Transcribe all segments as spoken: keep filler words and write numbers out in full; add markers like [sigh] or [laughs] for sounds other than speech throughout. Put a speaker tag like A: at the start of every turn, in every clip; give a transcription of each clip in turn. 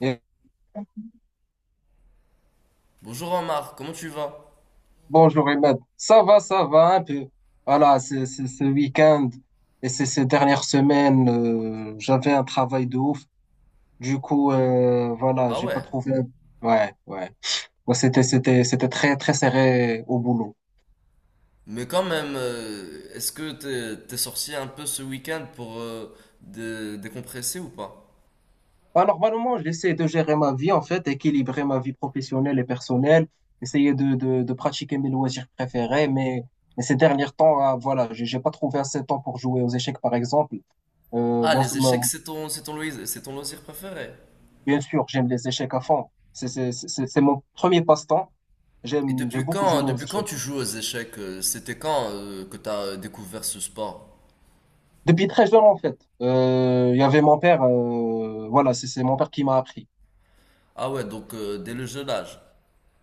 A: Et
B: Bonjour Omar, comment tu vas?
A: bonjour Ahmed, ça va, ça va un peu. Voilà, c'est c'est- ce week-end et c'est ces dernières semaines, euh, j'avais un travail de ouf. Du coup, euh, voilà,
B: Ah
A: j'ai pas
B: ouais,
A: trouvé. Ouais, ouais. Moi, c'était c'était c'était très très serré au boulot.
B: mais quand même, euh, est-ce que t'es, t'es sorti un peu ce week-end pour euh, dé- décompresser ou pas?
A: Alors, normalement, j'essaie de gérer ma vie en fait, équilibrer ma vie professionnelle et personnelle, essayer de de, de pratiquer mes loisirs préférés. Mais mais ces derniers temps, ah, voilà, j'ai j'ai pas trouvé assez de temps pour jouer aux échecs, par exemple. Euh,
B: Ah,
A: bon,
B: les échecs, c'est ton, c'est ton, loisir, c'est ton loisir préféré.
A: Bien sûr, j'aime les échecs à fond. C'est c'est- c'est- c'est mon premier passe-temps.
B: Et
A: J'aime, j'ai
B: depuis
A: beaucoup
B: quand,
A: joué aux
B: depuis quand
A: échecs.
B: tu joues aux échecs? euh, C'était quand euh, que t'as euh, découvert ce sport?
A: Depuis très jeune, en fait. Euh, Il y avait mon père, euh, voilà, c'est c'est mon père qui m'a appris.
B: Ah ouais, donc euh, dès le jeune âge.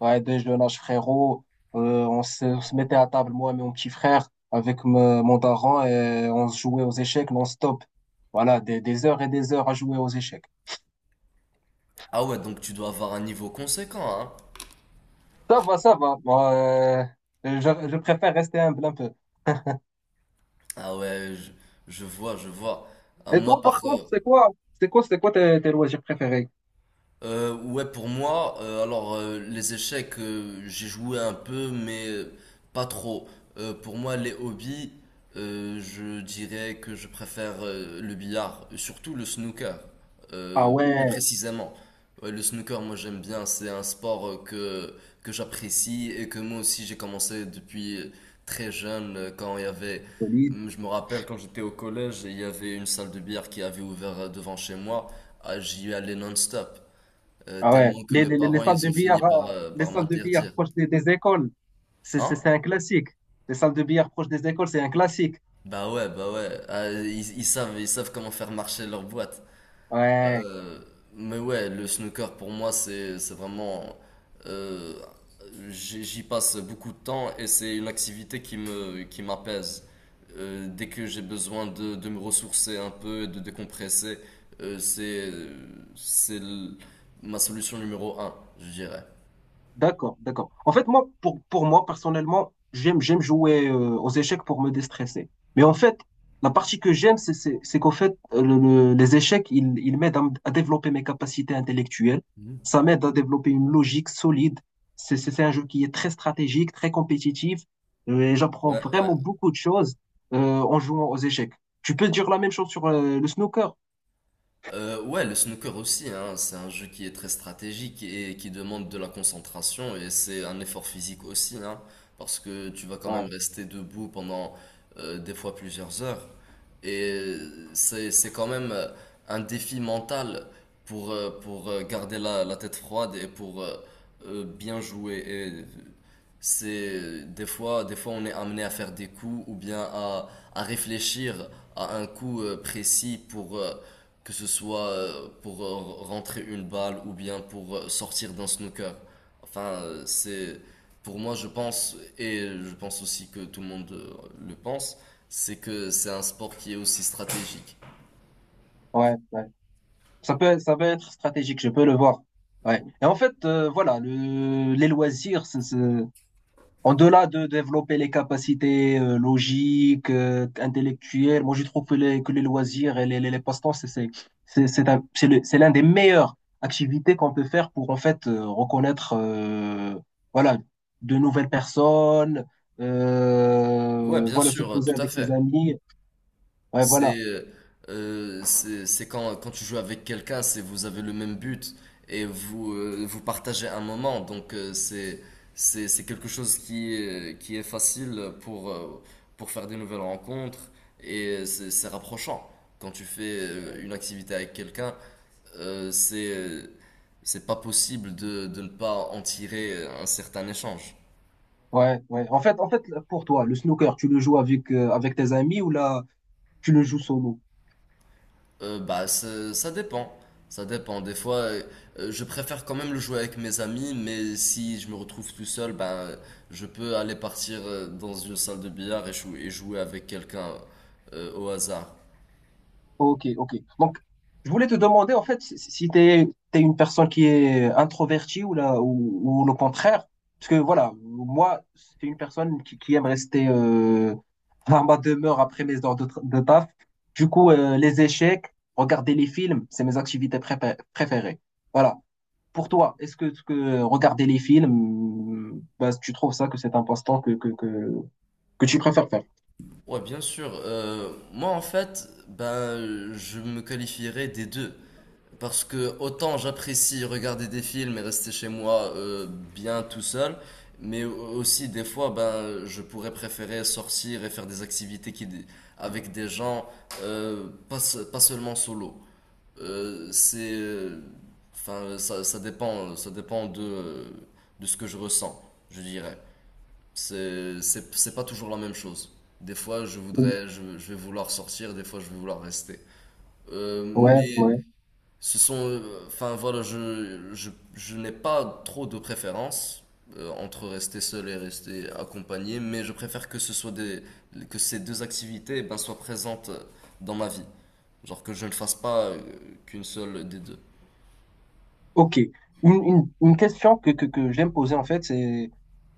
A: Ouais, dès jeune âge, frérot, euh, on se, on se mettait à table, moi et mon petit frère, avec me- mon daron, et on se jouait aux échecs non-stop. Voilà, des, des heures et des heures à jouer aux échecs.
B: Ah ouais, donc tu dois avoir un niveau conséquent, hein?
A: Ça va, ça va. Bon, euh, je, je préfère rester humble un peu.
B: Ah ouais, je, je vois, je vois. Ah,
A: Et
B: moi,
A: toi,
B: par,
A: par
B: euh,
A: contre, c'est quoi, c'est quoi, c'est quoi tes, tes loisirs préférés?
B: Euh, ouais, pour moi, euh, alors euh, les échecs, euh, j'ai joué un peu, mais euh, pas trop. Euh, pour moi, les hobbies, euh, je dirais que je préfère euh, le billard, surtout le snooker,
A: Ah
B: euh, plus
A: ouais.
B: précisément. Ouais, le snooker, moi j'aime bien, c'est un sport euh, que, que j'apprécie et que moi aussi j'ai commencé depuis euh, très jeune, euh, quand il y avait...
A: Solide.
B: Hum, je me rappelle quand j'étais au collège, il y avait une salle de billard qui avait ouvert euh, devant chez moi. Ah, j'y allais non-stop euh,
A: Ah ouais,
B: tellement que
A: les,
B: mes
A: les, les les
B: parents,
A: salles
B: ils
A: de
B: ont fini
A: billard,
B: par,
A: euh,
B: euh,
A: les
B: par
A: salles de billard
B: m'interdire.
A: proches des, des écoles, c'est
B: Hein?
A: c'est- c'est un classique. Les salles de billard proches des écoles, c'est un classique.
B: Bah ouais, bah ouais, ah, ils, ils savent, ils savent comment faire marcher leur boîte.
A: Ouais.
B: Euh, mais ouais, le snooker pour moi, c'est, c'est vraiment... euh, j'y j'y passe beaucoup de temps et c'est une activité qui me, qui m'apaise. Euh, dès que j'ai besoin de, de me ressourcer un peu et de décompresser, euh, c'est, c'est l- ma solution numéro un, je dirais.
A: D'accord, d'accord. En fait, moi, pour, pour moi, personnellement, j'aime, j'aime jouer euh, aux échecs pour me déstresser. Mais en fait, la partie que j'aime, c'est, c'est, c'est qu'en fait, euh, le- le- les échecs, ils, ils m'aident à, m- à développer mes capacités intellectuelles. Ça m'aide à développer une logique solide. C'est, c'est, c'est un jeu qui est très stratégique, très compétitif. Euh, Et j'apprends
B: Ouais, ouais.
A: vraiment beaucoup de choses euh, en jouant aux échecs. Tu peux dire la même chose sur euh, le snooker?
B: Euh, ouais, le snooker aussi, hein, c'est un jeu qui est très stratégique et qui demande de la concentration et c'est un effort physique aussi, hein, parce que tu vas quand
A: Ouais,
B: même rester debout pendant euh, des fois plusieurs heures et c'est c'est quand même euh, un défi mental pour euh, pour euh, garder la, la tête froide et pour euh, euh, bien jouer et euh, c'est des fois des fois on est amené à faire des coups ou bien à à réfléchir à un coup euh, précis pour euh, que ce soit euh, pour euh, rentrer une balle ou bien pour euh, sortir d'un snooker. Enfin, euh, c'est pour moi, je pense, et je pense aussi que tout le monde euh, le pense, c'est que c'est un sport qui est aussi stratégique.
A: ouais, ouais. Ça peut, ça peut être stratégique, je peux le voir. Ouais. Et en fait, euh, voilà, le, les loisirs, c'est, c'est- en-delà de développer les capacités euh, logiques, euh, intellectuelles, moi je trouve que les, que les loisirs et les, les, les passe-temps, c'est c'est- c'est- c'est un- c'est le- c'est l'un des meilleures activités qu'on peut faire pour en fait euh, reconnaître euh, voilà, de nouvelles personnes,
B: Ouais,
A: euh,
B: bien
A: voilà, se
B: sûr, euh,
A: poser
B: tout à
A: avec ses
B: fait.
A: amis. Ouais, voilà.
B: C'est euh, euh, c'est c'est quand, quand tu joues avec quelqu'un, c'est vous avez le même but et vous, euh, vous partagez un moment. Donc euh, c'est c'est c'est quelque chose qui est, qui est facile pour, euh, pour faire des nouvelles rencontres et c'est c'est rapprochant. Quand tu fais euh, une activité avec quelqu'un, euh, c'est euh, c'est pas possible de, de ne pas en tirer un certain échange.
A: Ouais, ouais. En fait, en fait, pour toi, le snooker, tu le joues avec, euh, avec tes amis ou là, tu le joues solo?
B: Euh, bah, ça ça dépend. Ça dépend. Des fois, euh, euh, je préfère quand même le jouer avec mes amis, mais si je me retrouve tout seul, ben, je peux aller partir euh, dans une salle de billard et jou- et jouer avec quelqu'un euh, au hasard.
A: Ok, ok. Donc, je voulais te demander, en fait, si, si si t'es, t'es une personne qui est introvertie ou là, ou, ou le contraire. Parce que voilà, moi, c'est une personne qui, qui aime rester euh, à ma demeure après mes heures de, tra- de taf. Du coup, euh, les échecs, regarder les films, c'est mes activités prépa- préférées. Voilà. Pour toi, est-ce que, que regarder les films, bah, tu trouves ça que c'est un passe-temps que, que, que, que tu préfères faire?
B: Ouais, bien sûr. Euh, moi, en fait, ben, je me qualifierais des deux. Parce que autant j'apprécie regarder des films et rester chez moi euh, bien tout seul, mais aussi des fois ben je pourrais préférer sortir et faire des activités qui avec des gens, euh, pas, se- pas seulement solo. Euh, c'est euh, enfin ça, ça dépend ça dépend de euh, de ce que je ressens, je dirais. C'est c'est c'est pas toujours la même chose. Des fois je
A: Oui.
B: voudrais je, je vais vouloir sortir, des fois je vais vouloir rester. Euh,
A: Ouais,
B: mais
A: ouais.
B: ce sont, euh, enfin voilà, je, je, je n'ai pas trop de préférence euh, entre rester seul et rester accompagné, mais je préfère que ce soit des, que ces deux activités ben, soient présentes dans ma vie. Genre que je ne fasse pas euh, qu'une seule des deux.
A: Ok. Une, une, une question que, que, que j'aime poser en fait, c'est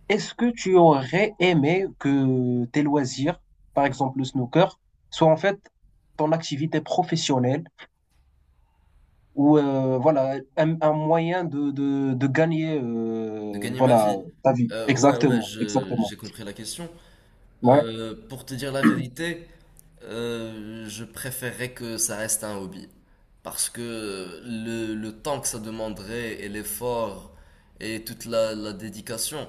A: est-ce que tu aurais aimé que tes loisirs, par exemple le snooker, soient en fait ton activité professionnelle ou euh, voilà un, un moyen de, de, de gagner
B: De
A: euh,
B: gagner ma
A: voilà
B: vie.
A: ta vie.
B: Euh, ouais, ouais,
A: Exactement,
B: je-
A: exactement.
B: j'ai compris la question.
A: Ouais,
B: Euh, pour te dire la vérité, euh, je préférerais que ça reste un hobby. Parce que le, le temps que ça demanderait et l'effort et toute la, la dédication,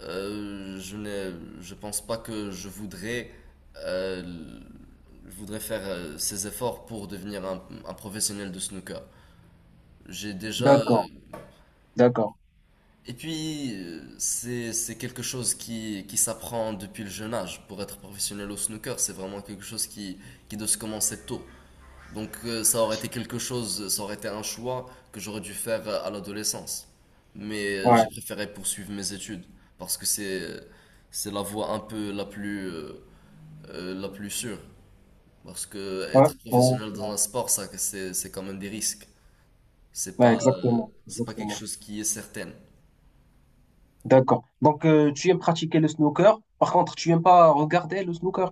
B: euh, je n'ai, je pense pas que je voudrais, euh, je voudrais faire euh, ces efforts pour devenir un, un professionnel de snooker. J'ai déjà, euh,
A: d'accord, d'accord.
B: et puis, euh, c'est, c'est quelque chose qui, qui s'apprend depuis le jeune âge. Pour être professionnel au snooker, c'est vraiment quelque chose qui, qui doit se commencer tôt. Donc, euh, ça aurait été quelque chose, ça aurait été un choix que j'aurais dû faire à l'adolescence. Mais euh, j'ai
A: Ouais,
B: préféré poursuivre mes études parce que c'est, c'est la voie un peu la plus, euh, euh, la plus sûre. Parce que
A: ouais,
B: être
A: bon.
B: professionnel dans un sport, ça, c'est, c'est quand même des risques. C'est
A: Ouais,
B: pas, euh,
A: exactement,
B: c'est pas quelque
A: exactement.
B: chose qui est certain.
A: D'accord. Donc, euh, tu aimes pratiquer le snooker. Par contre, tu aimes pas regarder le snooker.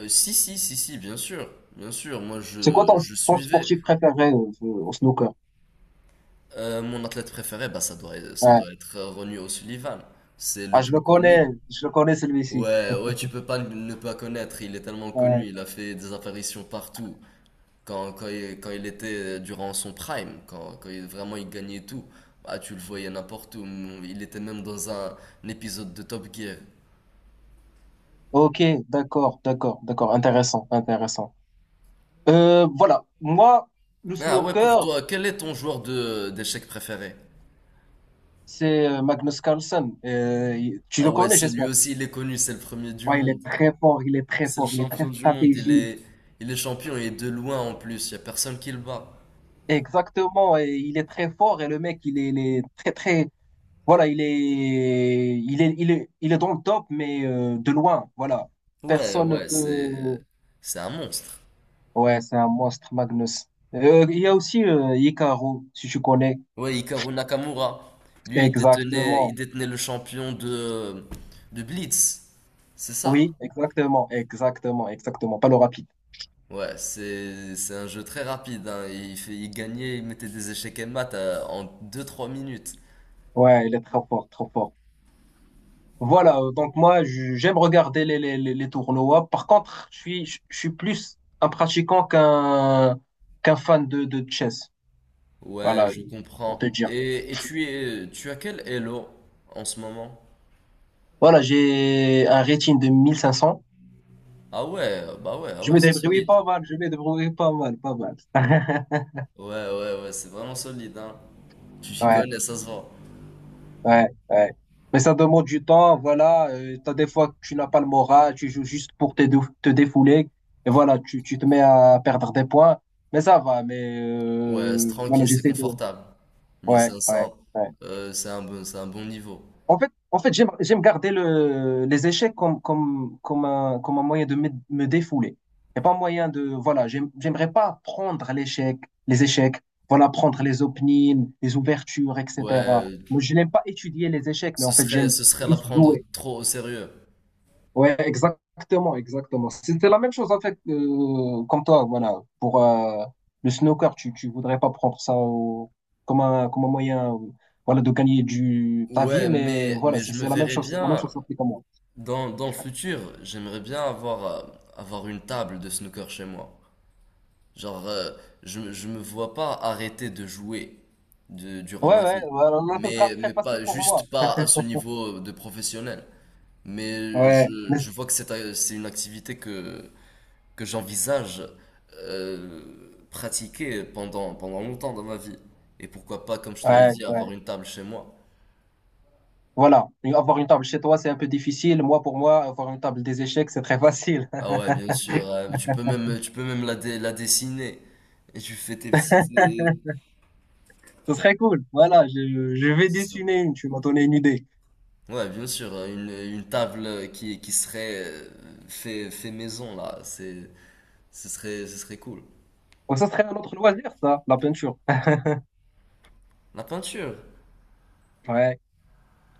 B: Euh, si, si, si, si, bien sûr, bien sûr. Moi,
A: C'est quoi
B: je,
A: ton,
B: je
A: ton
B: suivais.
A: sportif préféré euh, au snooker?
B: Euh, mon athlète préféré, bah, ça doit, être- ça
A: Ouais.
B: doit être Ronnie O'Sullivan. C'est le
A: Ah, je
B: plus
A: le connais,
B: connu.
A: je le connais celui-ci.
B: Ouais, ouais,
A: [laughs]
B: tu peux pas ne pas connaître. Il est tellement
A: Ouais.
B: connu. Il a fait des apparitions partout. Quand, quand, il, quand il était euh, durant son prime, quand, quand il- vraiment il gagnait tout, bah, tu le voyais n'importe où. Mm, il était même dans un, un épisode de Top Gear.
A: Ok, d'accord, d'accord, d'accord. Intéressant, intéressant. Euh, voilà. Moi, le
B: Ah ouais, pour
A: snooker,
B: toi, quel est ton joueur de d'échecs préféré?
A: c'est euh, Magnus Carlsen. Euh, il- tu
B: Ah
A: le
B: ouais,
A: connais,
B: c'est lui
A: j'espère.
B: aussi, il est connu, c'est le premier du
A: Ouais, il
B: monde.
A: est très fort, il est très
B: C'est le
A: fort, il est très
B: champion du monde, il
A: stratégique.
B: est, il est champion et de loin en plus, y a personne qui le bat.
A: Exactement, et il est très fort et le mec, il est, il est très, très, Voilà, il est, il est, il est, il est dans le top, mais euh, de loin. Voilà,
B: Ouais,
A: personne ne
B: ouais,
A: peut.
B: c'est, c'est un monstre.
A: Ouais, c'est un monstre, Magnus. Euh, il y a aussi euh, Hikaru, si tu connais.
B: Ouais, Hikaru Nakamura, lui, il détenait, il
A: Exactement.
B: détenait le champion de, de Blitz, c'est ça.
A: Oui, exactement, exactement, exactement. Pas le rapide.
B: Ouais, c'est, c'est un jeu très rapide, hein. Il fait, il gagnait, il mettait des échecs et maths à- en deux, trois minutes.
A: Ouais, il est trop fort, trop fort. Voilà, euh, donc moi, je- j'aime regarder les, les, les les tournois. Par contre, je suis, je je suis plus un pratiquant qu'un qu'un fan de, de chess.
B: Ouais,
A: Voilà,
B: je
A: pour te
B: comprends.
A: dire.
B: Et, et tu es, tu as quel Elo en ce moment?
A: Voilà, j'ai un rating de mille cinq cents.
B: Ah ouais, bah ouais, ah
A: Je
B: ouais,
A: me
B: c'est
A: débrouille
B: solide.
A: pas mal, je me débrouille pas mal, pas mal. [laughs]
B: Ouais, ouais, ouais, c'est vraiment solide, hein. Tu t'y
A: Ouais,
B: connais, ça se vend.
A: ouais, ouais. Mais ça demande du temps, voilà. Euh, t'as des fois que tu n'as pas le moral, tu joues juste pour te, dou- te défouler. Et voilà, tu, tu te mets à perdre des points. Mais ça va, mais
B: Ouais, c'est
A: euh, voilà,
B: tranquille, c'est
A: j'essaie de.
B: confortable.
A: Ouais, ouais,
B: mille cinq cents,
A: ouais.
B: euh, c'est un bon, c'est un bon niveau.
A: En fait, en fait, j'aime, j'aime garder le, les échecs comme, comme, comme un, comme un moyen de me, me défouler. Et pas un moyen de, voilà, j'aime- j'aimerais pas prendre l'échec, les échecs, voilà, prendre les openings, les ouvertures,
B: Ouais,
A: et cetera.
B: euh,
A: Moi, je n'aime pas étudier les échecs, mais
B: ce
A: en fait, j'aime
B: serait, ce serait la
A: juste
B: prendre
A: jouer.
B: trop au sérieux.
A: Ouais, exactement, exactement. C'était la même chose avec euh, comme toi, voilà. Pour euh, le snooker, tu tu voudrais pas prendre ça au- comme un comme un moyen, euh, voilà, de gagner du ta vie,
B: Ouais,
A: mais
B: mais,
A: voilà,
B: mais
A: c'est
B: je me
A: c'est la même
B: verrais
A: chose, c'est la même
B: bien,
A: chose applique à moi.
B: dans, dans le futur, j'aimerais bien avoir, euh, avoir une table de snooker chez moi. Genre, euh, je, me- je me vois pas arrêter de jouer de- durant
A: Ouais,
B: ma
A: ouais,
B: vie.
A: voilà, là, ça sera
B: Mais,
A: très
B: mais
A: facile
B: pas,
A: pour moi.
B: juste pas à ce niveau de professionnel. Mais
A: Ouais,
B: je, je vois que c'est c'est une activité que, que j'envisage euh, pratiquer pendant, pendant longtemps dans ma vie. Et pourquoi pas, comme je te l'ai
A: ouais,
B: dit, avoir
A: ouais.
B: une table chez moi.
A: Voilà, et avoir une table chez toi, c'est un peu difficile. Moi, pour moi, avoir une table des échecs, c'est très facile.
B: Ah
A: [laughs]
B: ouais, bien sûr. Euh, mais tu peux même, tu peux même la, dé- la dessiner. Et tu fais tes petites... euh,
A: Ce serait cool. Voilà, je je vais
B: c'est ça.
A: dessiner une. Tu m'as donné une idée.
B: Ouais, bien sûr. euh, Une, une table qui, qui serait euh, fait, fait maison, là. C'est, ce serait, ce serait cool.
A: Bon, ça serait un autre loisir, ça, la peinture.
B: La peinture.
A: [laughs] Ouais.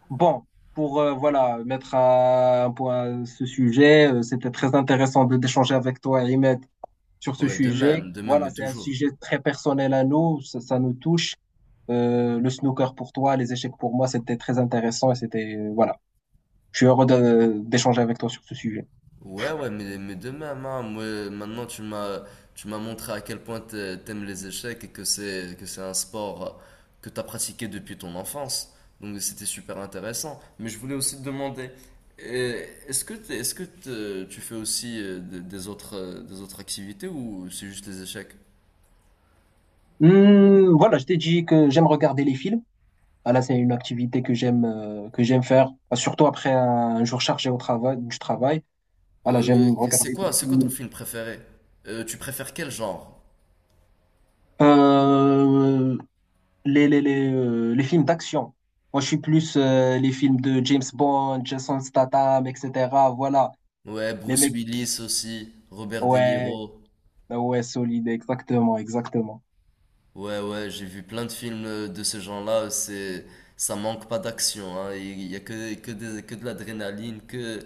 A: Bon, pour euh, voilà mettre à- un point à ce sujet, euh, c'était très intéressant de d'échanger avec toi, Ahmed, sur ce
B: Ouais, de
A: sujet.
B: même, de même,
A: Voilà,
B: mais
A: c'est un
B: toujours.
A: sujet très personnel à nous, ça, ça nous touche. Euh, le snooker pour toi, les échecs pour moi, c'était très intéressant et c'était euh, voilà. Je suis heureux de- d'échanger avec toi sur ce sujet.
B: Ouais, ouais, mais, mais de même, hein, moi, maintenant tu m'as tu m'as montré à quel point t'a- t'aimes les échecs et que c'est que c'est un sport euh, que t'as pratiqué depuis ton enfance. Donc c'était super intéressant. Mais je voulais aussi te demander, euh, est-ce que t'es- est-ce que te- tu fais aussi euh, des, des autres euh, des autres activités ou c'est juste les échecs?
A: Hum, voilà, je t'ai dit que j'aime regarder les films. Voilà, c'est une activité que j'aime euh, que j'aime faire, euh, surtout après un, jour chargé au travail du travail. Voilà,
B: Euh,
A: j'aime
B: c'est
A: regarder
B: quoi
A: des
B: c'est quoi ton
A: films.
B: film préféré? Euh, tu préfères quel genre?
A: Euh, les, les, les, euh, les films d'action. Moi, je suis plus euh, les films de James Bond, Jason Statham, et cetera. Voilà,
B: Ouais,
A: les
B: Bruce
A: mecs.
B: Willis aussi, Robert De
A: Ouais,
B: Niro.
A: ah ouais, solide, exactement, exactement.
B: Ouais, ouais, j'ai vu plein de films euh, de ce genre-là, c'est, ça manque pas d'action, hein. Il y a que, que, des- que de l'adrénaline, que,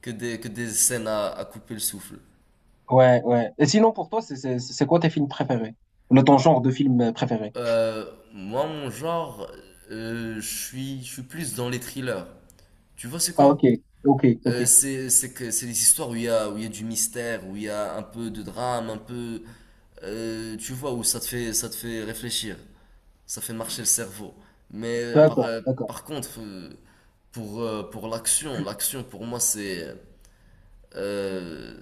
B: que des, que des scènes à, à couper le souffle.
A: Ouais, ouais. Et sinon, pour toi, c'est c'est- c'est quoi tes films préférés? Le ton genre de film euh, préféré?
B: Euh, moi, mon genre, euh, je suis, je suis plus dans les thrillers. Tu vois, c'est
A: Ah,
B: quoi?
A: ok, ok, ok.
B: Euh, c'est, c'est que, c'est les histoires où il y a, où il y a du mystère, où il y a un peu de drame, un peu, euh, tu vois, où ça te fait, ça te fait réfléchir. Ça fait marcher le cerveau. Mais par,
A: D'accord,
B: euh,
A: d'accord.
B: par contre, euh, pour, euh, pour l'action, l'action pour moi c'est... euh,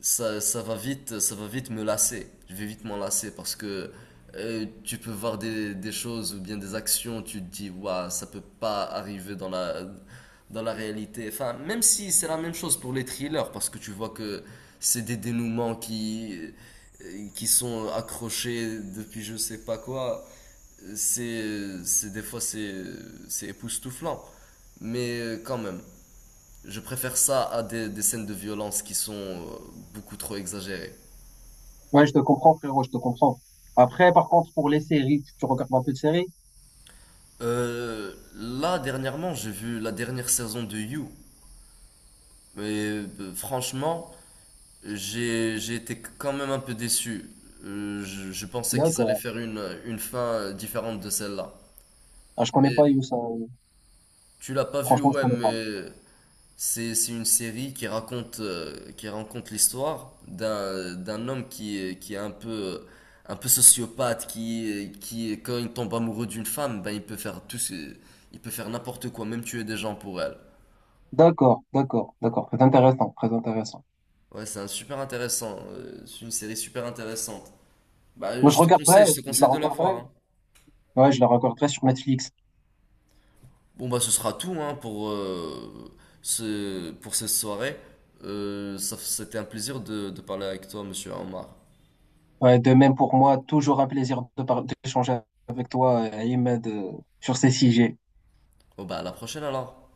B: ça, ça va vite, ça va vite me lasser. Je vais vite m'en lasser parce que euh, tu peux voir des, des choses ou bien des actions, tu te dis, waouh, ça peut pas arriver dans la, dans la réalité. Enfin, même si c'est la même chose pour les thrillers parce que tu vois que c'est des dénouements qui, euh, qui sont accrochés depuis je sais pas quoi c'est, c'est des fois c'est, c'est époustouflant, mais euh, quand même, je préfère ça à des, des scènes de violence qui sont euh, beaucoup trop exagérées.
A: Ouais, je te comprends, frérot, je te comprends. Après, par contre, pour les séries, tu, tu regardes un peu de séries?
B: Euh, là dernièrement, j'ai vu la dernière saison de You, mais euh, franchement, j'ai j'ai été quand même un peu déçu. Euh, je, je pensais qu'ils allaient
A: D'accord.
B: faire une une fin différente de celle-là.
A: Ah, je connais
B: Mais
A: pas Youssa.
B: tu l'as pas vu,
A: Franchement, je
B: ouais,
A: connais pas.
B: mais C'est c'est une série qui raconte, euh, qui raconte l'histoire d'un d'un homme qui, est- qui est un peu, un peu sociopathe, qui, qui, quand il tombe amoureux d'une femme, ben il peut faire tout ce- il peut faire n'importe quoi, même tuer des gens pour elle.
A: D'accord, d'accord, d'accord. Très intéressant, très intéressant.
B: Ouais, c'est un super intéressant, euh, c'est une série super intéressante. Bah,
A: Moi, je
B: je te conseille, je
A: regarderai,
B: te
A: je la
B: conseille de la voir,
A: regarderai.
B: hein.
A: Ouais, je la regarderai sur Netflix.
B: Bon, bah, ce sera tout, hein, pour, euh, ce, pour cette soirée. Euh, ça- c'était un plaisir de, de parler avec toi, monsieur Omar.
A: Ouais, de même pour moi, toujours un plaisir de par- d'échanger avec toi, euh, Ahmed, euh, sur ces sujets.
B: Bon, bah, à la prochaine alors.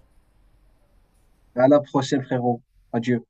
A: À la prochaine, frérot. Adieu.